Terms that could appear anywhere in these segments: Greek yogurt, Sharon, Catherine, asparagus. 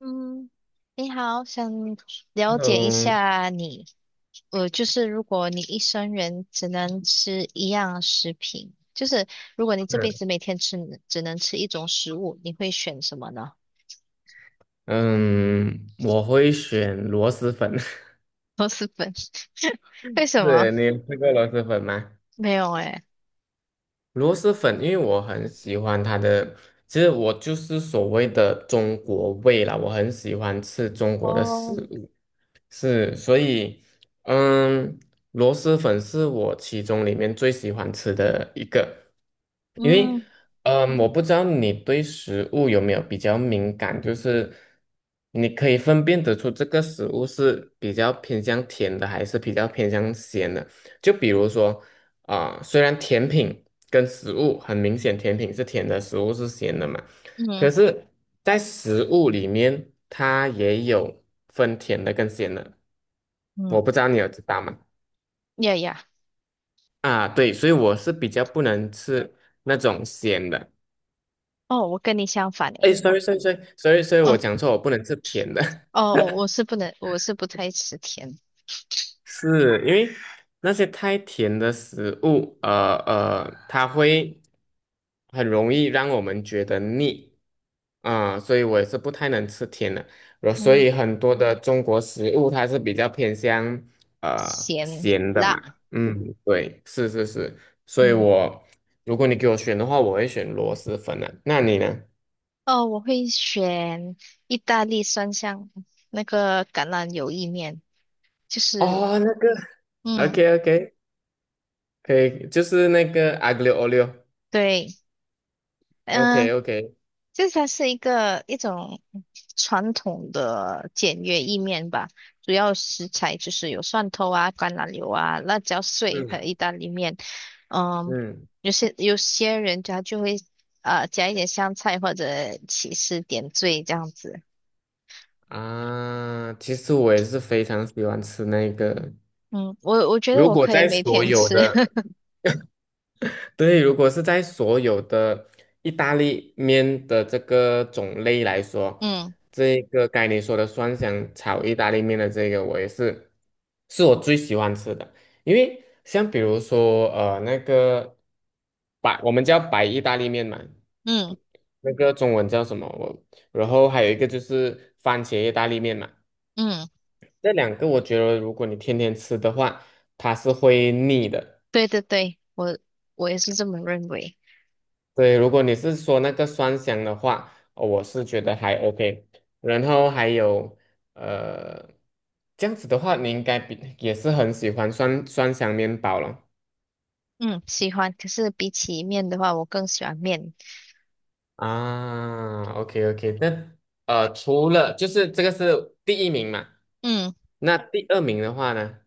嗯，你好，想了解一 Hello。下你，就是如果你一生人只能吃一样食品，就是如果你这辈嗯子每天吃只能吃一种食物，你会选什么呢？嗯，我会选螺蛳粉。螺蛳粉？为 什么？是你有吃过螺蛳粉吗？没有诶。螺蛳粉，因为我很喜欢它的，其实我就是所谓的中国味啦，我很喜欢吃中国的食哦，物。是，所以，嗯，螺蛳粉是我其中里面最喜欢吃的一个，因为，嗯嗯，我不知道你对食物有没有比较敏感，就是你可以分辨得出这个食物是比较偏向甜的，还是比较偏向咸的。就比如说，啊、虽然甜品跟食物很明显，甜品是甜的，食物是咸的嘛，可嗯是，在食物里面，它也有分甜的跟咸的，我嗯，不知道你有知道吗？呀呀，啊，对，所以我是比较不能吃那种咸的。哦，我跟你相反哎诶，我，sorry sorry sorry sorry sorry我哦讲错，我不能吃甜的，哦，我是不太吃甜，是因为那些太甜的食物，呃呃，它会很容易让我们觉得腻。啊、所以我也是不太能吃甜的，然后所嗯，以很多的中国食物它是比较偏向咸咸的辣，嘛。嗯，对，是是是，所以嗯。我如果你给我选的话，我会选螺蛳粉啊，那你呢？哦，我会选意大利酸香那个橄榄油意面，就是哦，那个嗯，，OK OK,可以，就是那个阿格六欧六对，嗯、，OK OK,它是一种传统的简约意面吧，主要食材就是有蒜头啊、橄榄油啊、辣椒碎和嗯意大利面。嗯，嗯有些人家就会加一点香菜或者起司点缀这样子。啊，其实我也是非常喜欢吃那个，嗯，我觉得如我果可以在每所天有吃。的。对，如果是在所有的意大利面的这个种类来说，嗯这个该你说的蒜香炒意大利面的这个，我也是，是我最喜欢吃的。因为像比如说，呃，那个白，我们叫白意大利面嘛，嗯那个中文叫什么？我，然后还有一个就是番茄意大利面嘛，嗯。这两个我觉得如果你天天吃的话，它是会腻的。对对对，我也是这么认为。对，如果你是说那个酸香的话，哦我是觉得还 OK。然后还有呃，这样子的话，你应该比也是很喜欢酸酸香面包了嗯，喜欢。可是比起面的话，我更喜欢面。啊。OK OK,那除了就是这个是第一名嘛，嗯那第二名的话呢，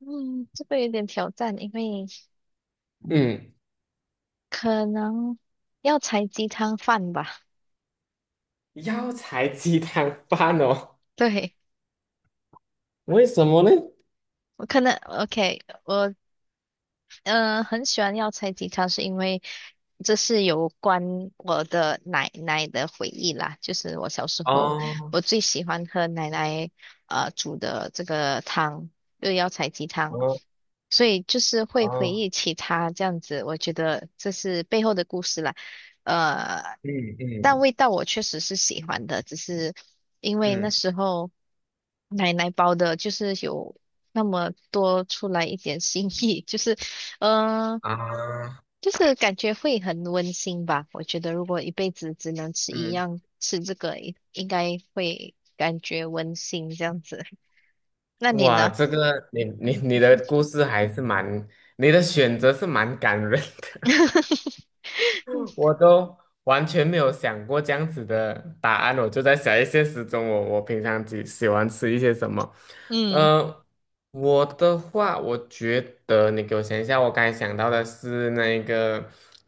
嗯，这个有点挑战，因为嗯，可能要采鸡汤饭吧。药材鸡汤饭哦，对，为什么呢？我可能 OK，我嗯、很喜欢药材鸡汤，是因为这是有关我的奶奶的回忆啦。就是我小时候，哦我最喜欢喝奶奶煮的这个汤，就是药材鸡汤，哦所以就是会回哦，忆起它这样子。我觉得这是背后的故事啦。呃，嗯但嗯味道我确实是喜欢的，只是因为那嗯时候奶奶包的，就是有那么多出来一点心意，就是嗯，啊，就是感觉会很温馨吧。我觉得如果一辈子只能吃一嗯。样，吃这个应该会感觉温馨这样子。那你哇，呢？这个你你嗯 你的故事还是蛮，你的选择是蛮感人的。我都完全没有想过这样子的答案，我就在想一些时钟我平常喜欢吃一些什么，嗯呃，我的话，我觉得你给我想一下，我刚才想到的是那个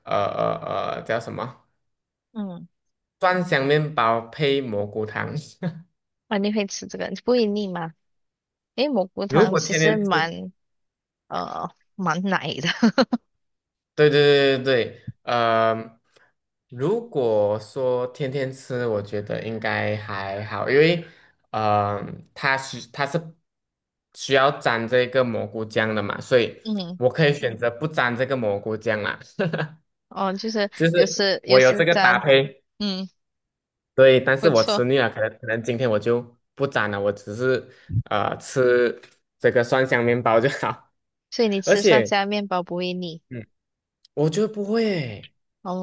叫什么嗯，蒜香面包配蘑菇汤。啊，你会吃这个，不会腻吗？诶，蘑菇 如汤果其天实天吃呃蛮奶的，对对对对对，呃，如果说天天吃，我觉得应该还好，因为呃，它是需要沾这个蘑菇酱的嘛，所以嗯，我可以选择不沾这个蘑菇酱啦。哦，就是 就有是时有我有时这个沾，搭配，嗯，对，但是不我错。吃腻了，可能今天我就不沾了，我只是吃这个蒜香面包就好。所以你 而吃蒜且。香面包不会腻嗯。我觉得不会欸，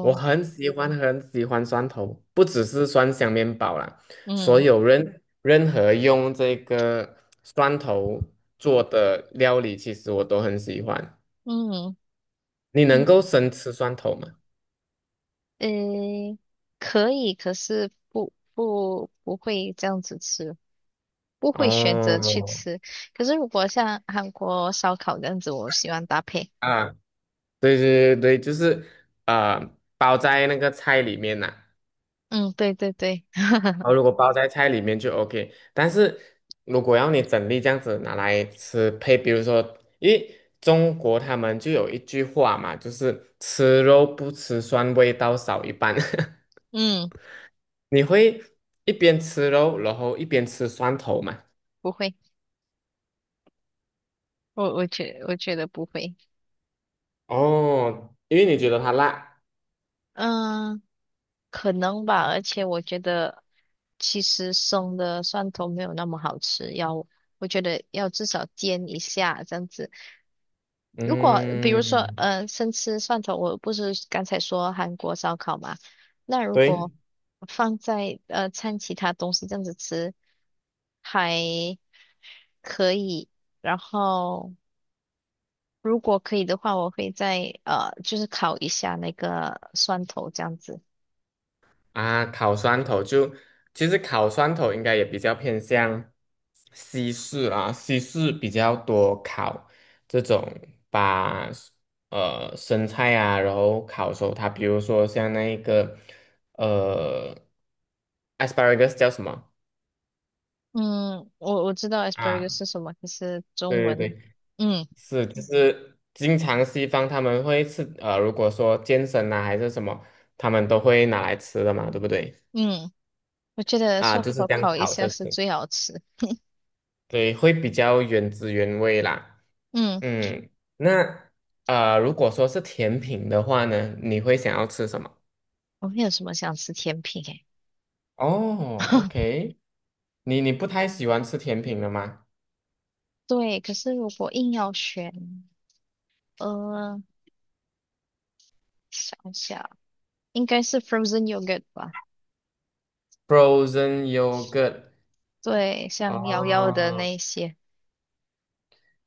我很喜欢很喜欢蒜头，不只是蒜香面包啦，所嗯有任何用这个蒜头做的料理，其实我都很喜欢。嗯你能嗯。够生吃蒜头吗？嗯，可以，可是不会这样子吃，不会选择去哦，吃。可是如果像韩国烧烤这样子，我喜欢搭配。啊，对对对对，就是啊、包在那个菜里面呐、嗯，对对对，然后如果包在菜里面就 OK,但是如果要你整粒这样子拿来吃配，比如说，因为中国他们就有一句话嘛，就是吃肉不吃蒜，味道少一半。嗯，你会一边吃肉，然后一边吃蒜头嘛？不会，我觉得不会。哦，因为你觉得它辣。嗯，可能吧，而且我觉得其实生的蒜头没有那么好吃，我觉得要至少煎一下这样子。如果比如说，嗯，生吃蒜头，我不是刚才说韩国烧烤嘛？那如对。果放在掺其他东西这样子吃还可以。然后如果可以的话，我会再就是烤一下那个蒜头这样子。啊，烤蒜头就其实烤蒜头应该也比较偏向西式啊，西式比较多烤这种把生菜啊，然后烤熟它，比如说像那一个呃 asparagus 叫什么？嗯，我知道 啊，asparagus 是什么，可是中对对文，对，嗯是，就是经常西方他们会吃，呃，如果说健身啊还是什么，他们都会拿来吃的嘛，对不对？嗯，我觉得啊，蒜就是头这样烤一烤下着是吃。最好吃。对，会比较原汁原味啦。嗯，嗯，那呃，如果说是甜品的话呢，你会想要吃什么？我们有什么想吃甜品诶？哦 ，OK,你你不太喜欢吃甜品了吗对，可是如果硬要选，呃，想一下，应该是 frozen yogurt 吧？？Frozen yogurt,对，哦像瑶瑶的哦那一些，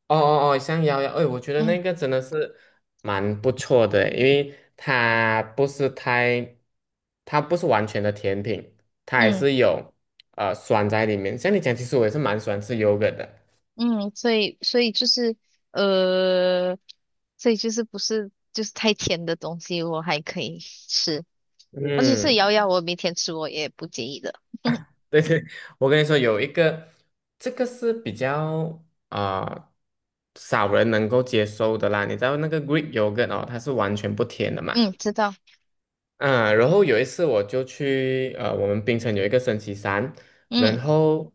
哦，香摇摇，哎，我觉得嗯那个真的是蛮不错的，因为它不是太，它不是完全的甜品，它还嗯是有酸在里面。像你讲，其实我也是蛮喜欢吃 yogurt 的。嗯，所以就是呃，所以就是不是就是太甜的东西，我还可以吃，而且是嗯。瑶瑶，我每天吃我也不介意的。对对，我跟你说，有一个，这个是比较啊、少人能够接受的啦。你知道那个 Greek yogurt 哦，它是完全不甜的嘛。嗯，知道，嗯，然后有一次我就去呃，我们槟城有一个升旗山，然嗯后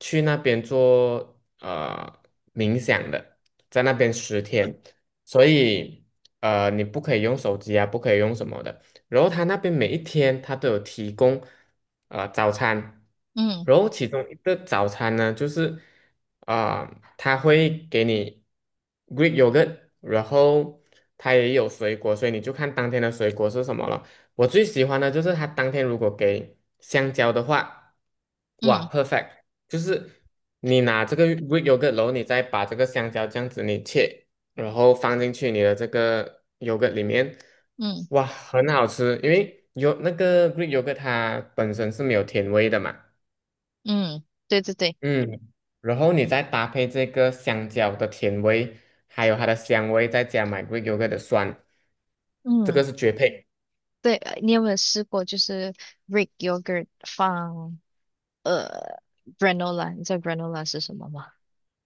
去那边做冥想的，在那边10天，所以你不可以用手机啊，不可以用什么的。然后他那边每一天他都有提供早餐，嗯然后其中一个早餐呢就是啊、他会给你 Greek yogurt,然后它也有水果，所以你就看当天的水果是什么了。我最喜欢的就是它当天如果给香蕉的话，哇嗯，perfect,就是你拿这个 Greek yogurt,然后你再把这个香蕉这样子你切，然后放进去你的这个 yogurt 里面，嗯哇，很好吃，因为有那个 Greek yogurt 它本身是没有甜味的嘛，嗯，对对对，嗯，然后你再搭配这个香蕉的甜味，还有它的香味，再加买 Greek yogurt 的酸，这个嗯是绝配，对，你有没有试过就是 Greek yogurt 放？呃，granola，你知道 granola 是什么吗？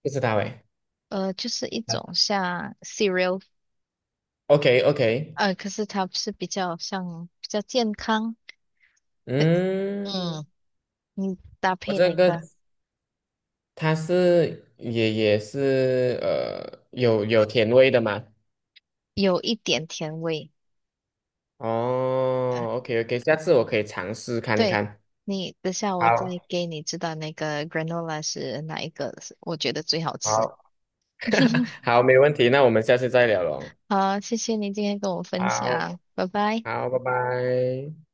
不知道诶。就是一种像 cereal，OK OK。可是它是比较像比较健康，呃嗯，嗯，你搭我配这那个个它是也是有甜味的嘛？有一点甜味，呃，哦，OK OK,下次我可以尝试看对，看。你等下好，我再给你知道那个 granola 是哪一个，我觉得最好好，吃。好，没问题，那我们下次再聊喽。好，谢谢你今天跟我分好，享，拜拜。好，拜拜。